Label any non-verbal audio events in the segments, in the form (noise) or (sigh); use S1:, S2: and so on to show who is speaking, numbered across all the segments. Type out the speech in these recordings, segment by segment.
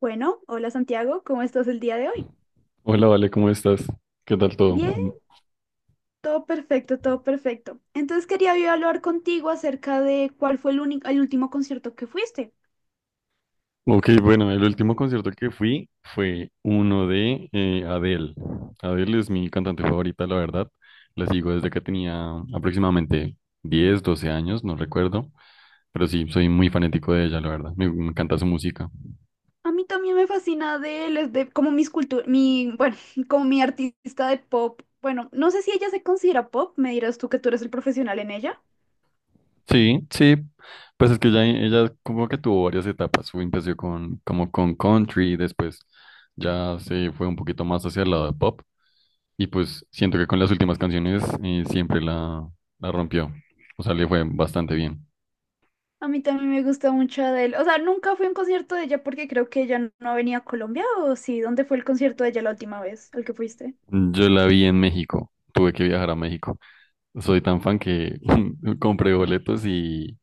S1: Bueno, hola Santiago, ¿cómo estás el día de hoy?
S2: Hola, Vale, ¿cómo estás? ¿Qué tal todo?
S1: Bien, todo perfecto, todo perfecto. Entonces quería yo hablar contigo acerca de cuál fue el único, el último concierto que fuiste.
S2: Ok, bueno, el último concierto que fui fue uno de Adele. Adele es mi cantante favorita, la verdad. La sigo desde que tenía aproximadamente 10, 12 años, no recuerdo. Pero sí, soy muy fanático de ella, la verdad. Me encanta su música.
S1: A mí también me fascina de les de como mis cultu- mi, bueno, (laughs) como mi artista de pop. Bueno, no sé si ella se considera pop, me dirás tú que tú eres el profesional en ella.
S2: Sí, sí. Pues es que ella como que tuvo varias etapas. Empezó con, como con country, después ya se fue un poquito más hacia el lado de pop. Y pues siento que con las últimas canciones siempre la rompió. O sea, le fue bastante bien.
S1: A mí también me gusta mucho Adele. O sea, nunca fui a un concierto de ella porque creo que ella no venía a Colombia, ¿o sí? ¿Dónde fue el concierto de ella la última vez al que fuiste?
S2: Yo la vi en México. Tuve que viajar a México. Soy tan fan que (laughs) compré boletos y,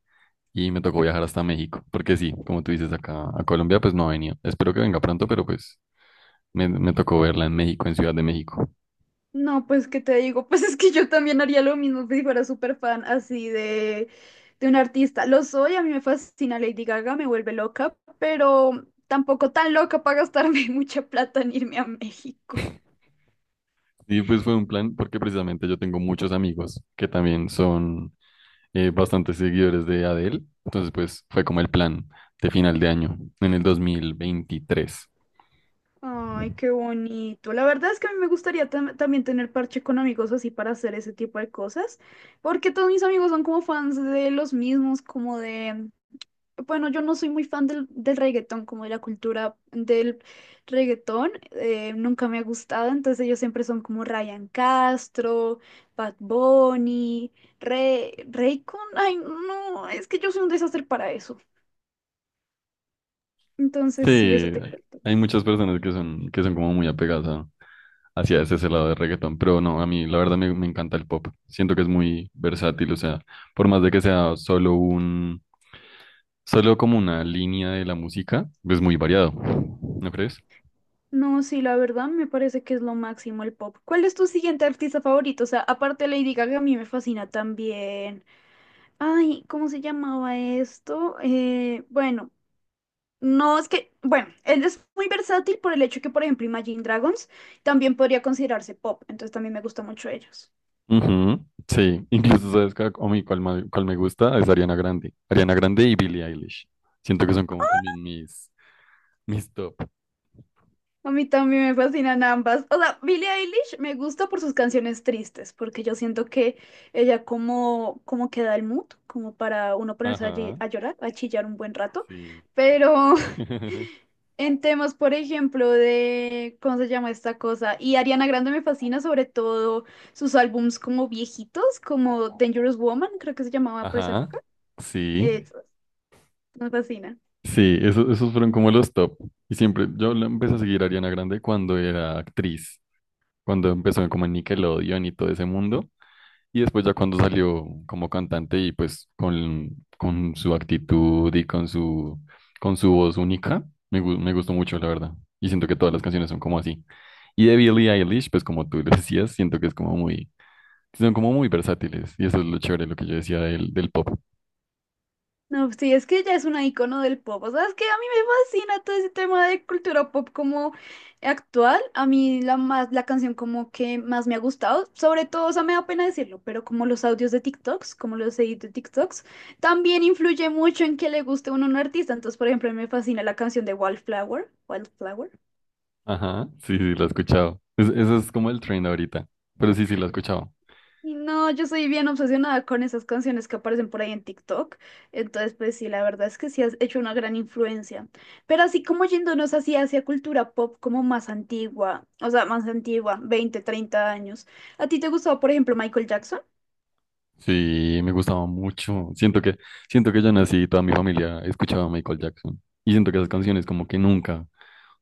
S2: y me tocó viajar hasta México. Porque sí, como tú dices, acá a Colombia pues no ha venido. Espero que venga pronto, pero pues me tocó verla en México, en Ciudad de México.
S1: No, pues, ¿qué te digo? (laughs) Pues es que yo también haría lo mismo si fuera súper fan de un artista. Lo soy, a mí me fascina Lady Gaga, me vuelve loca, pero tampoco tan loca para gastarme (laughs) mucha plata en irme a México.
S2: Y pues fue un plan porque precisamente yo tengo muchos amigos que también son bastantes seguidores de Adele. Entonces, pues fue como el plan de final de año, en el 2023.
S1: Ay, qué bonito. La verdad es que a mí me gustaría también tener parche con amigos así para hacer ese tipo de cosas, porque todos mis amigos son como fans de los mismos, como de, bueno, yo no soy muy fan del reggaetón, como de la cultura del reggaetón, nunca me ha gustado, entonces ellos siempre son como Ryan Castro, Bad Bunny, Rey, Raycon, ay, no, es que yo soy un desastre para eso. Entonces, sí, eso
S2: Sí,
S1: te cuento.
S2: hay muchas personas que son como muy apegadas hacia ese lado de reggaetón, pero no, a mí la verdad me encanta el pop. Siento que es muy versátil, o sea, por más de que sea solo como una línea de la música, es muy variado, ¿no crees?
S1: No, sí, la verdad me parece que es lo máximo el pop. ¿Cuál es tu siguiente artista favorito? O sea, aparte de Lady Gaga, a mí me fascina también. Ay, ¿cómo se llamaba esto? Bueno, no es que, bueno, él es muy versátil por el hecho que, por ejemplo, Imagine Dragons también podría considerarse pop, entonces también me gusta mucho ellos.
S2: Ujú, sí, incluso sabes que a mí cuál me gusta es Ariana Grande. Ariana Grande y Billie Eilish. Siento que son como también mis top.
S1: A mí también me fascinan ambas. O sea, Billie Eilish me gusta por sus canciones tristes, porque yo siento que ella como que da el mood, como para uno ponerse allí
S2: Ajá,
S1: a llorar, a chillar un buen rato.
S2: sí.
S1: Pero (laughs)
S2: (laughs)
S1: en temas, por ejemplo, de, ¿cómo se llama esta cosa? Y Ariana Grande me fascina sobre todo sus álbums como viejitos, como Dangerous Woman, creo que se llamaba por esa
S2: Ajá,
S1: época.
S2: sí,
S1: Eso, me fascina.
S2: sí, esos fueron como los top. Y siempre, yo la empecé a seguir a Ariana Grande cuando era actriz, cuando empezó como en Nickelodeon y todo ese mundo. Y después ya cuando salió como cantante y pues con su actitud y con su voz única, me gustó mucho, la verdad. Y siento que todas las canciones son como así. Y de Billie Eilish, pues como tú lo (laughs) decías, siento que es son como muy versátiles. Y eso es lo chévere, lo que yo decía del pop.
S1: No, sí, es que ella es una icono del pop. O sea, es que a mí me fascina todo ese tema de cultura pop como actual. A mí la canción como que más me ha gustado, sobre todo, o sea, me da pena decirlo, pero como los audios de TikToks, como los edits de TikToks, también influye mucho en que le guste uno a un artista. Entonces, por ejemplo, a mí me fascina la canción de Wildflower, Wildflower.
S2: Ajá, sí, sí, lo he escuchado. Eso es como el trend ahorita. Pero sí, sí, lo he escuchado.
S1: Y no, yo soy bien obsesionada con esas canciones que aparecen por ahí en TikTok. Entonces, pues sí, la verdad es que sí has hecho una gran influencia. Pero así como yéndonos así hacia cultura pop como más antigua, o sea, más antigua, 20, 30 años. ¿A ti te gustaba, por ejemplo, Michael Jackson?
S2: Sí, me gustaba mucho. Siento que yo nací y toda mi familia escuchaba a Michael Jackson. Y siento que esas canciones como que nunca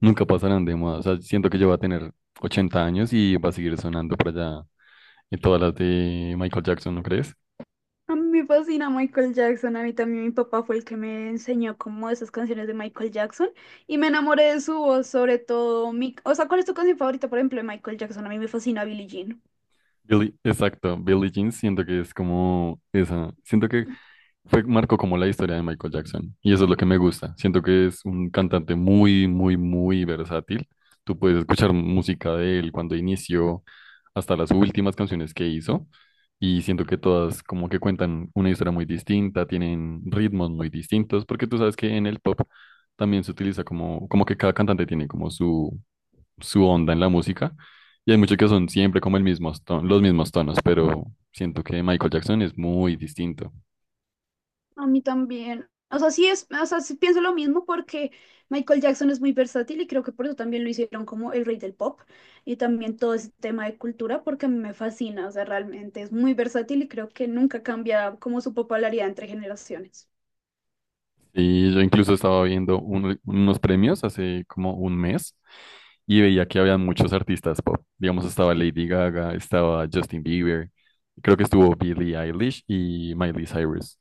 S2: nunca pasarán de moda. O sea, siento que yo voy a tener 80 años y va a seguir sonando por allá en todas las de Michael Jackson, ¿no crees?
S1: A mí me fascina Michael Jackson, a mí también mi papá fue el que me enseñó como esas canciones de Michael Jackson y me enamoré de su voz, sobre todo mi... O sea, ¿cuál es tu canción favorita, por ejemplo, de Michael Jackson? A mí me fascina Billie Jean.
S2: Exacto, Billie Jean siento que es como esa. Siento que marcó como la historia de Michael Jackson y eso es lo que me gusta. Siento que es un cantante muy, muy, muy versátil. Tú puedes escuchar música de él cuando inició hasta las últimas canciones que hizo y siento que todas como que cuentan una historia muy distinta, tienen ritmos muy distintos, porque tú sabes que en el pop también se utiliza como que cada cantante tiene como su onda en la música y hay muchos que son siempre como los mismos tonos, pero siento que Michael Jackson es muy distinto.
S1: A mí también. O sea, sí pienso lo mismo porque Michael Jackson es muy versátil y creo que por eso también lo hicieron como el rey del pop y también todo ese tema de cultura porque a mí me fascina, o sea, realmente es muy versátil y creo que nunca cambia como su popularidad entre generaciones.
S2: Sí, yo incluso estaba viendo unos premios hace como un mes y veía que había muchos artistas pop. Digamos, estaba Lady Gaga, estaba Justin Bieber, creo que estuvo Billie Eilish y Miley Cyrus.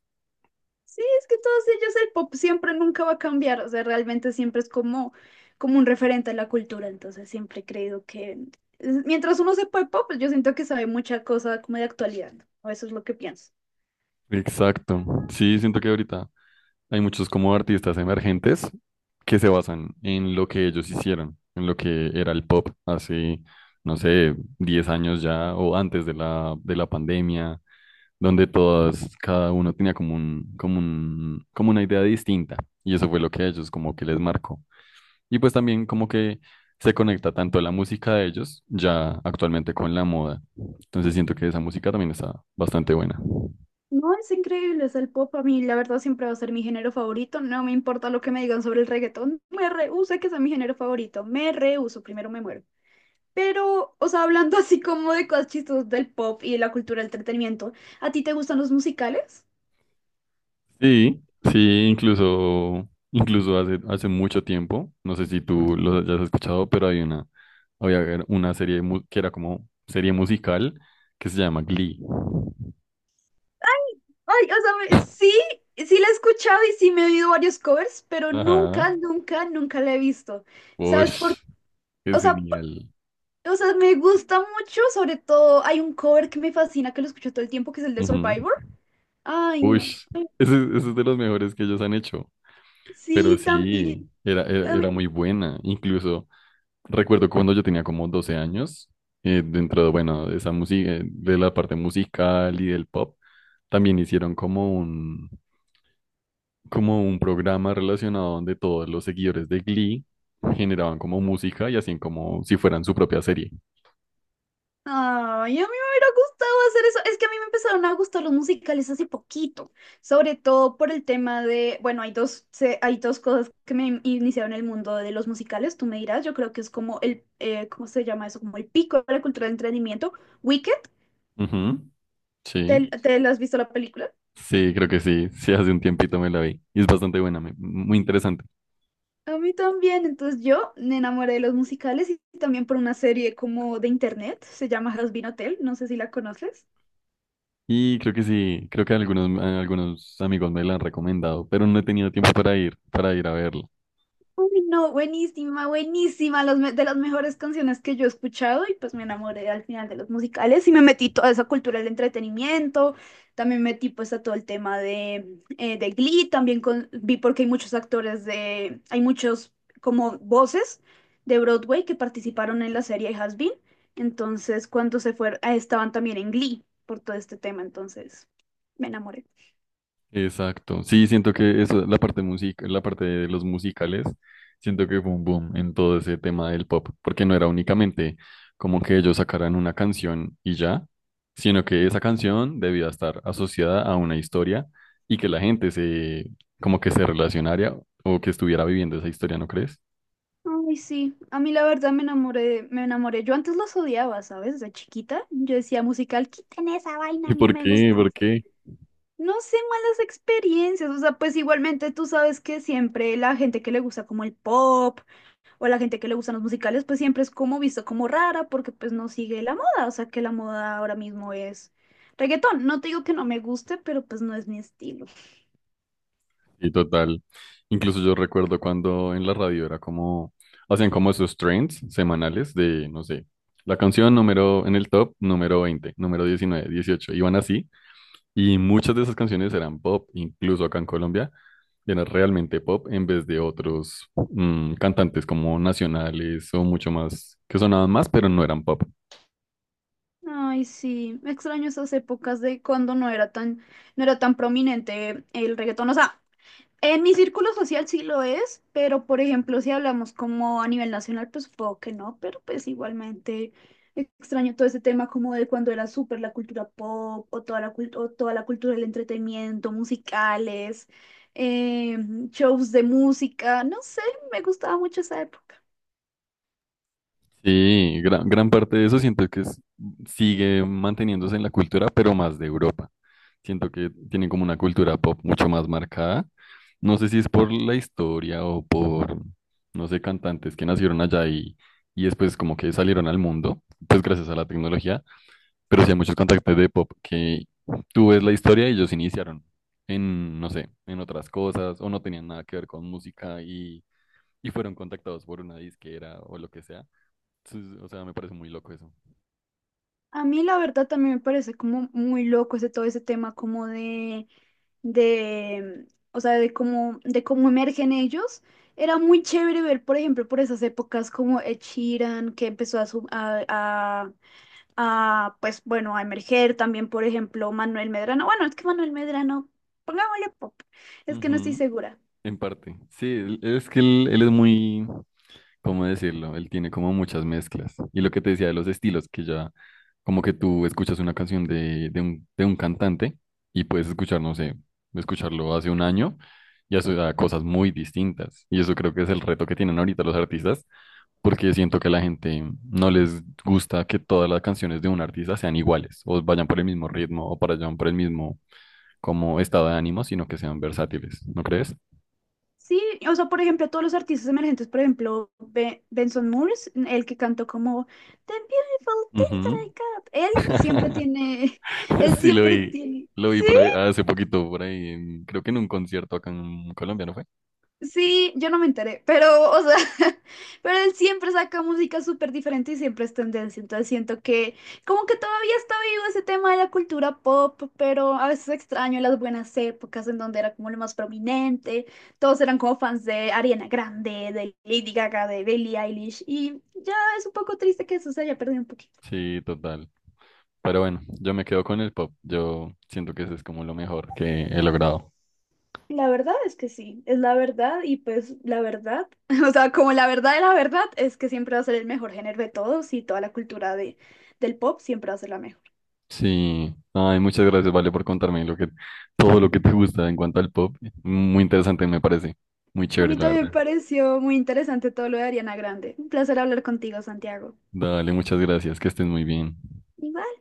S1: Sí, es que todos ellos el pop siempre nunca va a cambiar, o sea, realmente siempre es como, como un referente a la cultura, entonces siempre he creído que es- mientras uno sepa el pop, pues yo siento que sabe mucha cosa como de actualidad, ¿no? O eso es lo que pienso.
S2: Exacto. Sí, siento que ahorita hay muchos como artistas emergentes que se basan en lo que ellos hicieron, en lo que era el pop hace, no sé, 10 años ya o antes de la pandemia. Donde todas, cada uno tenía como una idea distinta, y eso fue lo que a ellos como que les marcó. Y pues también como que se conecta tanto la música de ellos, ya actualmente con la moda. Entonces siento que esa música también está bastante buena.
S1: No, es increíble, es el pop. A mí, la verdad, siempre va a ser mi género favorito. No me importa lo que me digan sobre el reggaetón. Me rehúso a que sea mi género favorito. Me rehúso, primero me muero. Pero, o sea, hablando (laughs) así como de cosas chistosas del pop y de la cultura del entretenimiento, ¿a ti te gustan los musicales?
S2: Sí, sí, incluso hace mucho tiempo, no sé si tú lo hayas escuchado, pero hay una, había ver- una serie que era como serie musical que se llama Glee.
S1: Ay, sí, sí la he escuchado y sí me he oído varios covers, pero
S2: Ajá.
S1: nunca la he visto. ¿Sabes por qué?
S2: Ush,
S1: O
S2: es
S1: sea, p-
S2: genial.
S1: o sea, me gusta mucho, sobre todo hay un cover que me fascina, que lo escucho todo el tiempo, que es el de
S2: Ujú.
S1: Survivor. Ay, no.
S2: Ush, ese es de los mejores que ellos han hecho. Pero
S1: Sí, también.
S2: sí, era, era,
S1: A
S2: era
S1: mí-
S2: muy buena. Incluso recuerdo cuando yo tenía como 12 años, bueno, de esa música, de la parte musical y del pop, también hicieron como un programa relacionado donde todos los seguidores de Glee generaban como música y hacían como si fueran su propia serie.
S1: Ay, a mí me hubiera gustado hacer eso. Es que a mí me empezaron a gustar los musicales hace poquito, sobre todo por el tema de, bueno, hay dos cosas iniciaron el mundo de los musicales, tú me dirás, yo creo que es como el, ¿cómo se llama eso? Como el pico de la cultura del entretenimiento. Wicked,
S2: Ujú, sí,
S1: te la has visto la película?
S2: sí, creo que sí. Sí, hace un tiempito me la vi. Y es bastante buena, muy interesante.
S1: A mí también, entonces yo me enamoré de los musicales y también por una serie como de internet, se llama Has Been Hotel, no sé si la conoces.
S2: Y creo que sí, creo que algunos amigos me la han recomendado, pero no he tenido tiempo para ir a verla.
S1: Uy, no, buenísima, buenísima, de las mejores canciones que yo he escuchado y pues me enamoré al final de los musicales y me metí toda esa cultura del entretenimiento, también metí pues a todo el tema de Glee, vi porque hay muchos actores de, hay muchos como voces de Broadway que participaron en la serie Has Been, entonces cuando se fueron, ah, estaban también en Glee por todo este tema, entonces me enamoré.
S2: Exacto. Sí, siento que eso, la parte música, la parte de los musicales, siento que fue un boom en todo ese tema del pop, porque no era únicamente como que ellos sacaran una canción y ya, sino que esa canción debía estar asociada a una historia y que la gente como que se relacionara o que estuviera viviendo esa historia, ¿no crees?
S1: Ay, sí, a mí la verdad me enamoré, me enamoré. Yo antes los odiaba, ¿sabes? De chiquita, yo decía musical, quiten esa vaina, a
S2: ¿Y
S1: mí no
S2: por
S1: me gusta
S2: qué? ¿Por
S1: eso.
S2: qué?
S1: No sé, malas experiencias, o sea, pues igualmente tú sabes que siempre la gente que le gusta como el pop o la gente que le gustan los musicales, pues siempre es como visto como rara porque pues no sigue la moda, o sea que la moda ahora mismo es reggaetón. No te digo que no me guste, pero pues no es mi estilo.
S2: Y total, incluso yo recuerdo cuando en la radio era como, hacían como esos trends semanales de, no sé, la canción número, en el top, número 20 número 19 18 iban así, y muchas de esas canciones eran pop, incluso acá en Colombia, era realmente pop en vez de otros cantantes como nacionales o mucho más, que sonaban más, pero no eran pop.
S1: Ay, sí, me extraño esas épocas de cuando no era tan prominente el reggaetón. O sea, en mi círculo social sí lo es, pero por ejemplo, si hablamos como a nivel nacional, pues supongo que no, pero pues igualmente extraño todo ese tema como de cuando era súper la cultura pop o toda o toda la cultura del entretenimiento, musicales, eh, shows de música, no sé, me gustaba mucho esa época.
S2: Sí, gran parte de eso siento que sigue manteniéndose en la cultura, pero más de Europa. Siento que tienen como una cultura pop mucho más marcada. No sé si es por la historia o por, no sé, cantantes que nacieron allá y después como que salieron al mundo, pues gracias a la tecnología, pero sí hay muchos cantantes de pop que tú ves la historia y ellos iniciaron en, no sé, en otras cosas o no tenían nada que ver con música y fueron contactados por una disquera o lo que sea. Sí, o sea, me parece muy loco eso.
S1: A mí la verdad también me parece como muy loco ese todo ese tema como de, o sea, de cómo emergen ellos. Era muy chévere ver, por ejemplo, por esas épocas como Ed Sheeran, que empezó a, su- a, pues bueno, a emerger también, por ejemplo, Manuel Medrano. Bueno, es que Manuel Medrano, pongámosle pop, es que no estoy
S2: Ujú,
S1: segura.
S2: en parte. Sí, es que él es muy, ¿cómo decirlo? Él tiene como muchas mezclas. Y lo que te decía de los estilos, que ya como que tú escuchas una canción de un cantante y puedes escuchar, no sé, escucharlo hace un año y hace a cosas muy distintas. Y eso creo que es el reto que tienen ahorita los artistas, porque siento que a la gente no les gusta que todas las canciones de un artista sean iguales, o vayan por el mismo ritmo, o vayan por el mismo como estado de ánimo, sino que sean versátiles, ¿no crees?
S1: Sí, o sea, por ejemplo, todos los artistas emergentes, por ejemplo, Benson Moores, el que cantó como The Beautiful Things That
S2: Ujú.
S1: I Got, él
S2: (laughs)
S1: siempre tiene, (laughs) él
S2: Sí, lo
S1: siempre
S2: vi.
S1: tiene,
S2: Lo vi
S1: sí,
S2: por ahí hace poquito, por ahí, creo que en un concierto acá en Colombia, ¿no fue?
S1: Sí, yo no me enteré, pero, o sea, (laughs) pero él siempre saca música súper diferente y siempre es tendencia, entonces siento que como que todavía está vivo ese tema de la cultura pop, pero a veces extraño las buenas épocas en donde era como lo más prominente, todos eran como fans de Ariana Grande, de Lady Gaga, de Billie Eilish, y ya es un poco triste que eso se haya perdido un poquito.
S2: Sí, total. Pero bueno, yo me quedo con el pop. Yo siento que eso es como lo mejor que he logrado.
S1: La verdad es que sí, es la verdad y pues la verdad, (laughs) o sea, como la verdad de la verdad es que siempre va a ser el mejor género de todos y toda la cultura del pop siempre va a ser la mejor.
S2: Sí. Ay, muchas gracias, Vale, por contarme lo que, todo lo que te gusta en cuanto al pop. Muy interesante, me parece. Muy
S1: A
S2: chévere,
S1: mí
S2: la
S1: también
S2: verdad.
S1: me pareció muy interesante todo lo de Ariana Grande. Un placer hablar contigo, Santiago.
S2: Dale, muchas gracias. Que estés muy bien.
S1: Igual.